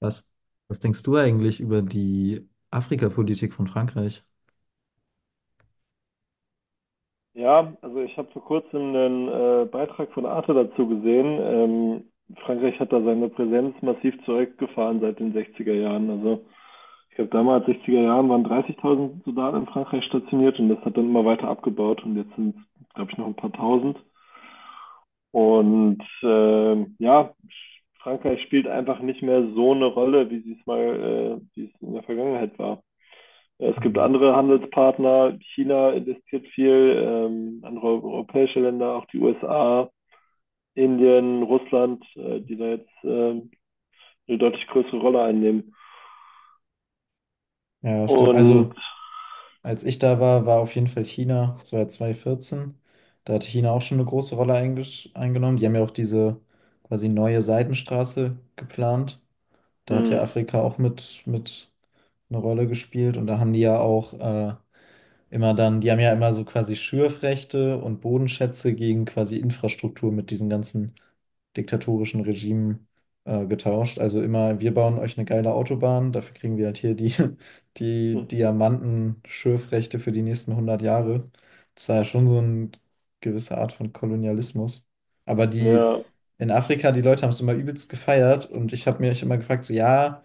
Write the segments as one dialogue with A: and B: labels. A: Was, was denkst du eigentlich über die Afrikapolitik von Frankreich?
B: Ja, also ich habe vor kurzem einen Beitrag von Arte dazu gesehen. Frankreich hat da seine Präsenz massiv zurückgefahren seit den 60er Jahren. Also ich glaube, damals, 60er Jahren, waren 30.000 Soldaten in Frankreich stationiert und das hat dann immer weiter abgebaut und jetzt sind es, glaube ich, noch ein paar Tausend. Und ja, Frankreich spielt einfach nicht mehr so eine Rolle, wie es in der Vergangenheit war. Es gibt
A: Mhm.
B: andere Handelspartner. China investiert viel, andere europäische Länder, auch die USA, Indien, Russland, die da jetzt eine deutlich größere Rolle einnehmen.
A: Ja, stimmt.
B: Und
A: Also, als ich da war, war auf jeden Fall China, das war 2014. Da hat China auch schon eine große Rolle eingenommen. Die haben ja auch diese quasi neue Seidenstraße geplant. Da hat
B: mh,
A: ja Afrika auch mit eine Rolle gespielt. Und da haben die ja auch die haben ja immer so quasi Schürfrechte und Bodenschätze gegen quasi Infrastruktur mit diesen ganzen diktatorischen Regimen getauscht. Also immer, wir bauen euch eine geile Autobahn, dafür kriegen wir halt hier die, die
B: mh,
A: Diamanten-Schürfrechte für die nächsten 100 Jahre. Das war ja schon so eine gewisse Art von Kolonialismus. Aber die
B: ja,
A: in Afrika, die Leute haben es immer übelst gefeiert und ich habe mich immer gefragt, so ja,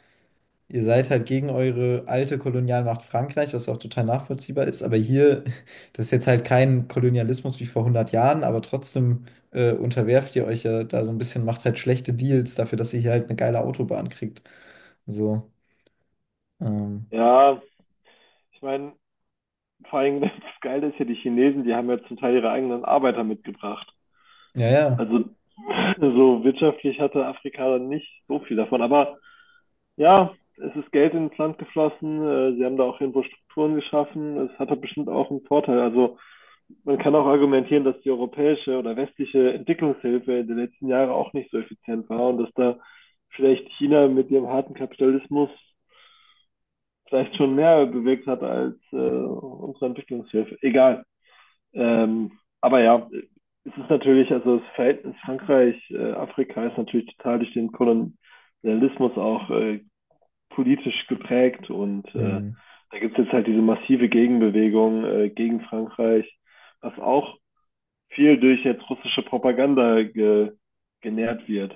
A: ihr seid halt gegen eure alte Kolonialmacht Frankreich, was auch total nachvollziehbar ist, aber hier, das ist jetzt halt kein Kolonialismus wie vor 100 Jahren, aber trotzdem unterwerft ihr euch ja da so ein bisschen, macht halt schlechte Deals dafür, dass ihr hier halt eine geile Autobahn kriegt. So, ähm,
B: ja, ich meine, vor allem das Geile ist ja, die Chinesen, die haben ja zum Teil ihre eigenen Arbeiter mitgebracht.
A: ja, ja,
B: Also so wirtschaftlich hatte Afrika dann nicht so viel davon. Aber ja, es ist Geld ins Land geflossen. Sie haben da auch irgendwo Strukturen geschaffen. Es hat doch bestimmt auch einen Vorteil. Also man kann auch argumentieren, dass die europäische oder westliche Entwicklungshilfe in den letzten Jahren auch nicht so effizient war und dass da vielleicht China mit ihrem harten Kapitalismus vielleicht schon mehr bewirkt hat als unsere Entwicklungshilfe. Egal. Ähm, aber ja, es ist natürlich, also das Verhältnis Frankreich-Afrika ist natürlich total durch den Kolonialismus auch politisch geprägt und
A: hm,
B: da gibt es jetzt halt diese massive Gegenbewegung gegen Frankreich, was auch viel durch jetzt russische Propaganda ge genährt wird.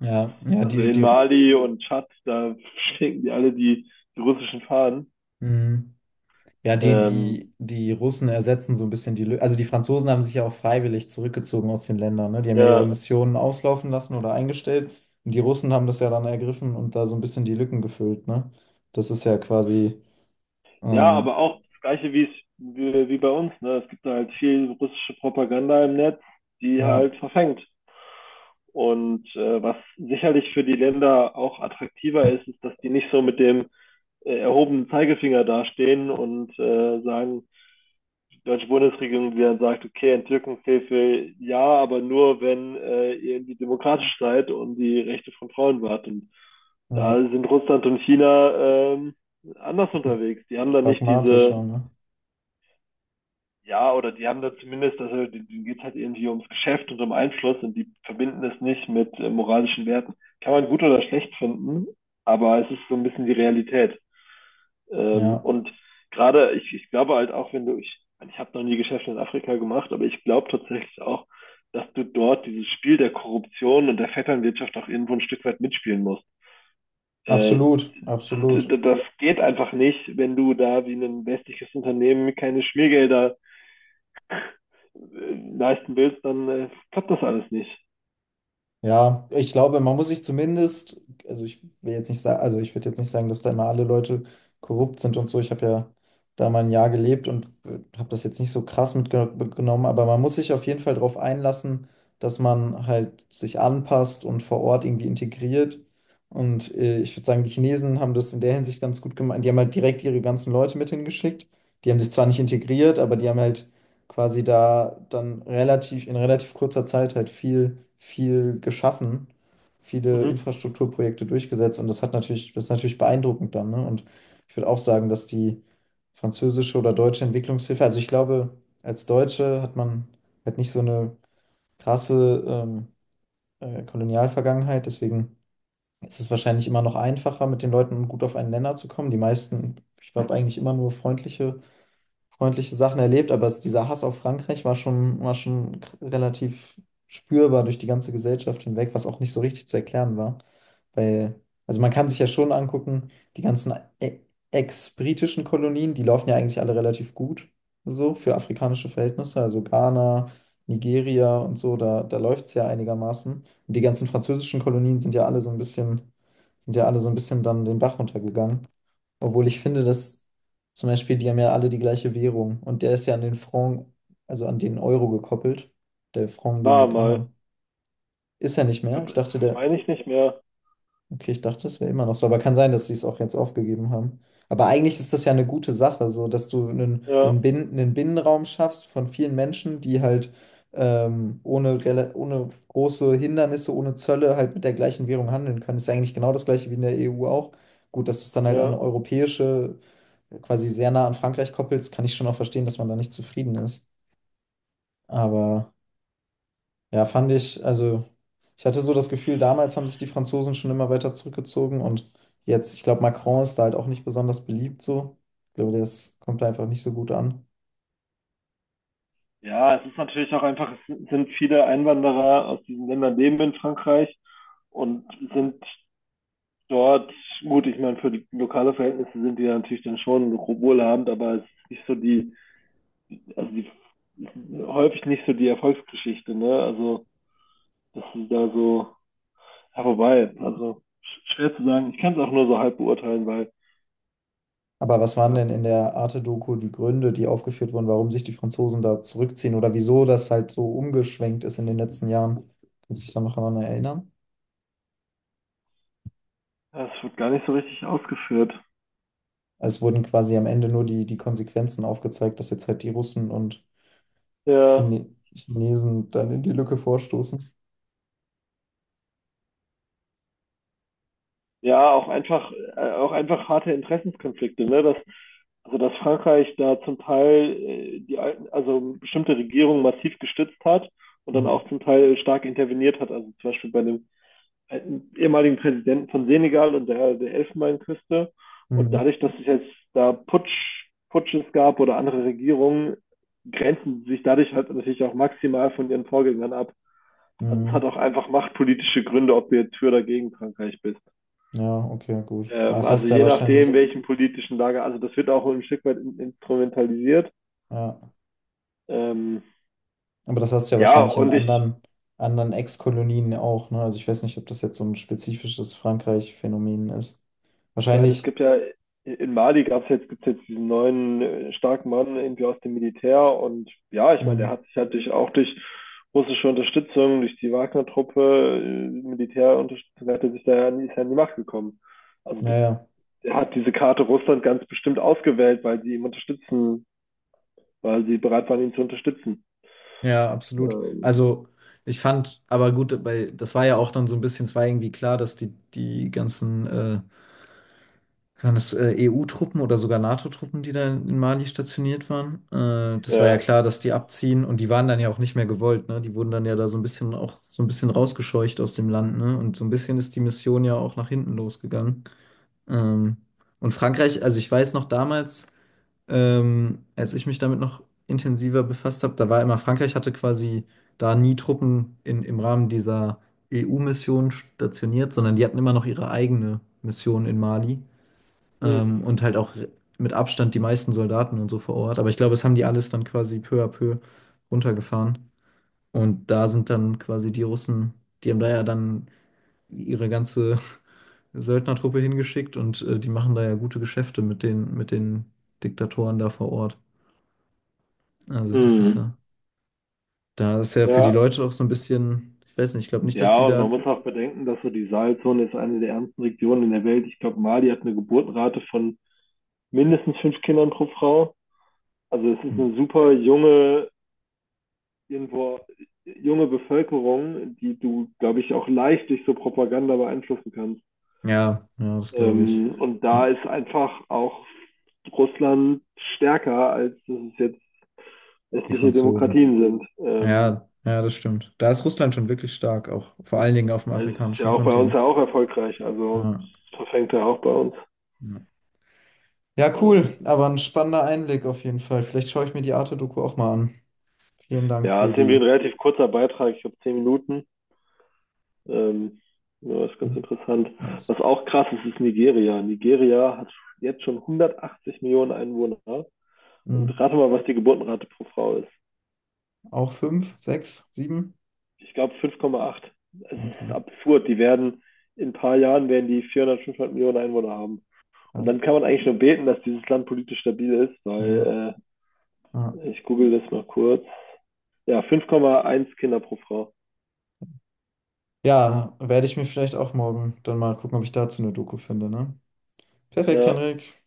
A: ja, ja,
B: Also
A: die,
B: in
A: die,
B: Mali und Tschad, da schwenken die alle die russischen Fahnen.
A: hm. Ja, die,
B: Ähm,
A: die, die Russen ersetzen so ein bisschen die Lücke. Also die Franzosen haben sich ja auch freiwillig zurückgezogen aus den Ländern, ne? Die haben ja ihre
B: ja,
A: Missionen auslaufen lassen oder eingestellt. Und die Russen haben das ja dann ergriffen und da so ein bisschen die Lücken gefüllt, ne? Das ist ja quasi,
B: ja,
A: ähm,
B: aber auch das Gleiche wie, es, wie bei uns. Ne? Es gibt da halt viel russische Propaganda im Netz, die
A: ja,
B: halt verfängt. Und was sicherlich für die Länder auch attraktiver ist, ist, dass die nicht so mit dem erhobenen Zeigefinger dastehen und sagen, die deutsche Bundesregierung, die dann sagt, okay, Entzückungshilfe ja, aber nur, wenn ihr irgendwie demokratisch seid und die Rechte von Frauen wahrt. Und
A: ja,
B: da sind Russland und China anders unterwegs. Die haben da nicht diese
A: pragmatischer, ne?
B: ja, oder die haben da zumindest, also denen geht es halt irgendwie ums Geschäft und um Einfluss und die verbinden es nicht mit moralischen Werten. Kann man gut oder schlecht finden, aber es ist so ein bisschen die Realität.
A: Ja,
B: Und gerade, ich glaube halt auch, wenn du, ich habe noch nie Geschäfte in Afrika gemacht, aber ich glaube tatsächlich auch, dass du dort dieses Spiel der Korruption und der Vetternwirtschaft auch irgendwo ein Stück weit mitspielen musst. Äh,
A: absolut, absolut.
B: Das geht einfach nicht, wenn du da wie ein westliches Unternehmen keine Schmiergelder leisten willst, dann klappt das alles nicht.
A: Ja, ich glaube, man muss sich zumindest, also ich würde jetzt nicht sagen, dass da immer alle Leute korrupt sind und so. Ich habe ja da mal ein Jahr gelebt und habe das jetzt nicht so krass mitgenommen, aber man muss sich auf jeden Fall darauf einlassen, dass man halt sich anpasst und vor Ort irgendwie integriert. Und ich würde sagen, die Chinesen haben das in der Hinsicht ganz gut gemacht. Die haben halt direkt ihre ganzen Leute mit hingeschickt. Die haben sich zwar nicht integriert, aber die haben halt quasi da dann relativ in relativ kurzer Zeit halt viel, viel geschaffen, viele
B: Mhm.
A: Infrastrukturprojekte durchgesetzt und das hat natürlich, das ist natürlich beeindruckend dann, ne? Und ich würde auch sagen, dass die französische oder deutsche Entwicklungshilfe, also ich glaube, als Deutsche hat man halt nicht so eine krasse Kolonialvergangenheit, deswegen ist es wahrscheinlich immer noch einfacher, mit den Leuten gut auf einen Nenner zu kommen. Die meisten, ich habe eigentlich immer nur freundliche Sachen erlebt, aber es, dieser Hass auf Frankreich war schon, relativ spürbar durch die ganze Gesellschaft hinweg, was auch nicht so richtig zu erklären war. Weil, also man kann sich ja schon angucken, die ganzen e- ex-britischen Kolonien, die laufen ja eigentlich alle relativ gut, so für afrikanische Verhältnisse, also Ghana, Nigeria und so, da, da läuft es ja einigermaßen. Und die ganzen französischen Kolonien sind ja alle so ein bisschen, sind ja alle so ein bisschen dann den Bach runtergegangen. Obwohl ich finde, dass zum Beispiel, die haben ja alle die gleiche Währung und der ist ja an den Franc, also an den Euro gekoppelt. Der Franc, den
B: War
A: die da
B: mal.
A: haben. Ist er nicht
B: Ich
A: mehr?
B: glaub,
A: Ich
B: das
A: dachte, der.
B: meine ich nicht mehr.
A: Okay, ich dachte, das wäre immer noch so, aber kann sein, dass sie es auch jetzt aufgegeben haben. Aber eigentlich ist das ja eine gute Sache, so dass du einen,
B: Ja,
A: einen, Bin einen Binnenraum schaffst von vielen Menschen, die halt ohne große Hindernisse, ohne Zölle halt mit der gleichen Währung handeln können. Ist ja eigentlich genau das gleiche wie in der EU auch. Gut, dass du es dann halt an
B: ja.
A: eine europäische, quasi sehr nah an Frankreich koppelst, kann ich schon auch verstehen, dass man da nicht zufrieden ist. Aber. Ja, fand ich, also ich hatte so das Gefühl, damals haben sich die Franzosen schon immer weiter zurückgezogen und jetzt, ich glaube, Macron ist da halt auch nicht besonders beliebt so. Ich glaube, das kommt da einfach nicht so gut an.
B: Ja, es ist natürlich auch einfach, es sind viele Einwanderer aus diesen Ländern leben in Frankreich und sind dort, gut, ich meine, für die lokale Verhältnisse sind die natürlich dann schon wohlhabend, aber es ist nicht so die, also die, häufig nicht so die Erfolgsgeschichte, ne? Also, dass sie da so, ja, wobei, also schwer zu sagen, ich kann es auch nur so halb beurteilen, weil,
A: Aber was waren
B: ja,
A: denn in der Arte-Doku die Gründe, die aufgeführt wurden, warum sich die Franzosen da zurückziehen oder wieso das halt so umgeschwenkt ist in den letzten Jahren? Kannst du dich da noch daran erinnern?
B: das wird gar nicht so richtig ausgeführt.
A: Also es wurden quasi am Ende nur die, die Konsequenzen aufgezeigt, dass jetzt halt die Russen und
B: Ja,
A: Chine Chinesen dann in die Lücke vorstoßen.
B: ja, auch einfach harte Interessenskonflikte, ne? Dass, also dass Frankreich da zum Teil die alten, also bestimmte Regierungen massiv gestützt hat und dann
A: Hm,
B: auch zum Teil stark interveniert hat. Also zum Beispiel bei dem ehemaligen Präsidenten von Senegal und der Elfenbeinküste. Und
A: hm,
B: dadurch, dass es jetzt da Putsches gab oder andere Regierungen, grenzen sich dadurch halt natürlich auch maximal von ihren Vorgängern ab. Also es hat
A: hm.
B: auch einfach machtpolitische Gründe, ob du jetzt für oder gegen Frankreich bist.
A: Ja, okay, gut. Aber das
B: Also
A: hast du ja
B: je nachdem,
A: wahrscheinlich,
B: welchen politischen Lager, also das wird auch ein Stück weit instrumentalisiert.
A: ja.
B: Ähm,
A: Aber das hast du ja
B: ja,
A: wahrscheinlich in
B: und ich
A: anderen Ex-Kolonien auch, ne? Also ich weiß nicht, ob das jetzt so ein spezifisches Frankreich-Phänomen ist.
B: meine, es
A: Wahrscheinlich,
B: gibt ja in Mali gibt's jetzt diesen neuen starken Mann irgendwie aus dem Militär und ja, ich meine,
A: mh,
B: der hat sich halt durch, auch durch russische Unterstützung, durch die Wagner-Truppe, Militärunterstützung, hat er sich da ja nie, ist ja an die Macht gekommen. Also
A: ja, ja.
B: er hat diese Karte Russland ganz bestimmt ausgewählt, weil sie bereit waren, ihn zu unterstützen.
A: Ja, absolut.
B: Ähm,
A: Also ich fand, aber gut, weil das war ja auch dann so ein bisschen, es war irgendwie klar, dass die ganzen Waren das EU-Truppen oder sogar NATO-Truppen, die da in Mali stationiert waren? Das war ja
B: Ja.
A: klar, dass die abziehen und die waren dann ja auch nicht mehr gewollt, ne? Die wurden dann ja da so ein bisschen auch so ein bisschen rausgescheucht aus dem Land, ne? Und so ein bisschen ist die Mission ja auch nach hinten losgegangen. Ähm, und Frankreich, also ich weiß noch damals, als ich mich damit noch intensiver befasst habe, da war immer, Frankreich hatte quasi da nie Truppen in, im Rahmen dieser EU-Mission stationiert, sondern die hatten immer noch ihre eigene Mission in Mali,
B: Hm.
A: und halt auch mit Abstand die meisten Soldaten und so vor Ort. Aber ich glaube, das haben die alles dann quasi peu à peu runtergefahren. Und da sind dann quasi die Russen, die haben da ja dann ihre ganze Söldnertruppe hingeschickt und die machen da ja gute Geschäfte mit den Diktatoren da vor Ort. Also das ist
B: Hm.
A: ja, da ist ja für die
B: Ja.
A: Leute auch so ein bisschen, ich weiß nicht, ich glaube nicht, dass die
B: Ja, und man
A: da,
B: muss auch bedenken, dass so die Sahelzone ist eine der ärmsten Regionen in der Welt. Ich glaube, Mali hat eine Geburtenrate von mindestens fünf Kindern pro Frau. Also es ist
A: hm,
B: eine super junge, irgendwo junge Bevölkerung, die du, glaube ich, auch leicht durch so Propaganda beeinflussen kannst.
A: ja, ja, das glaube ich,
B: Und da
A: hm,
B: ist einfach auch Russland stärker, als dass es jetzt
A: die
B: westliche
A: Franzosen.
B: Demokratien sind.
A: Ja, ja, das stimmt. Da ist Russland schon wirklich stark, auch vor allen Dingen auf dem
B: Ja, es ist ja
A: afrikanischen
B: auch bei uns ja
A: Kontinent.
B: auch erfolgreich. Also
A: Ja,
B: es verfängt ja auch bei uns.
A: ja. Ja,
B: Ähm,
A: cool, aber ein spannender Einblick auf jeden Fall. Vielleicht schaue ich mir die Arte-Doku auch mal an. Vielen Dank
B: ja, es
A: für
B: ist irgendwie ein
A: die.
B: relativ kurzer Beitrag. Ich glaube, 10 Minuten. Ähm, ja, das ist ganz
A: Hm,
B: interessant.
A: nice.
B: Was auch krass ist, ist Nigeria. Nigeria hat jetzt schon 180 Millionen Einwohner.
A: Hm.
B: Und rate mal, was die Geburtenrate pro Frau ist.
A: Auch fünf, sechs, sieben?
B: Ich glaube 5,8. Es ist
A: Okay,
B: absurd. Die werden in ein paar Jahren werden die 400, 500 Millionen Einwohner haben. Und
A: krass.
B: dann kann man eigentlich nur beten, dass dieses Land politisch stabil ist,
A: Ja,
B: weil
A: ja.
B: ich google das mal kurz. Ja, 5,1 Kinder pro Frau.
A: Ja, werde ich mir vielleicht auch morgen dann mal gucken, ob ich dazu eine Doku finde, ne? Perfekt,
B: Ja,
A: Henrik.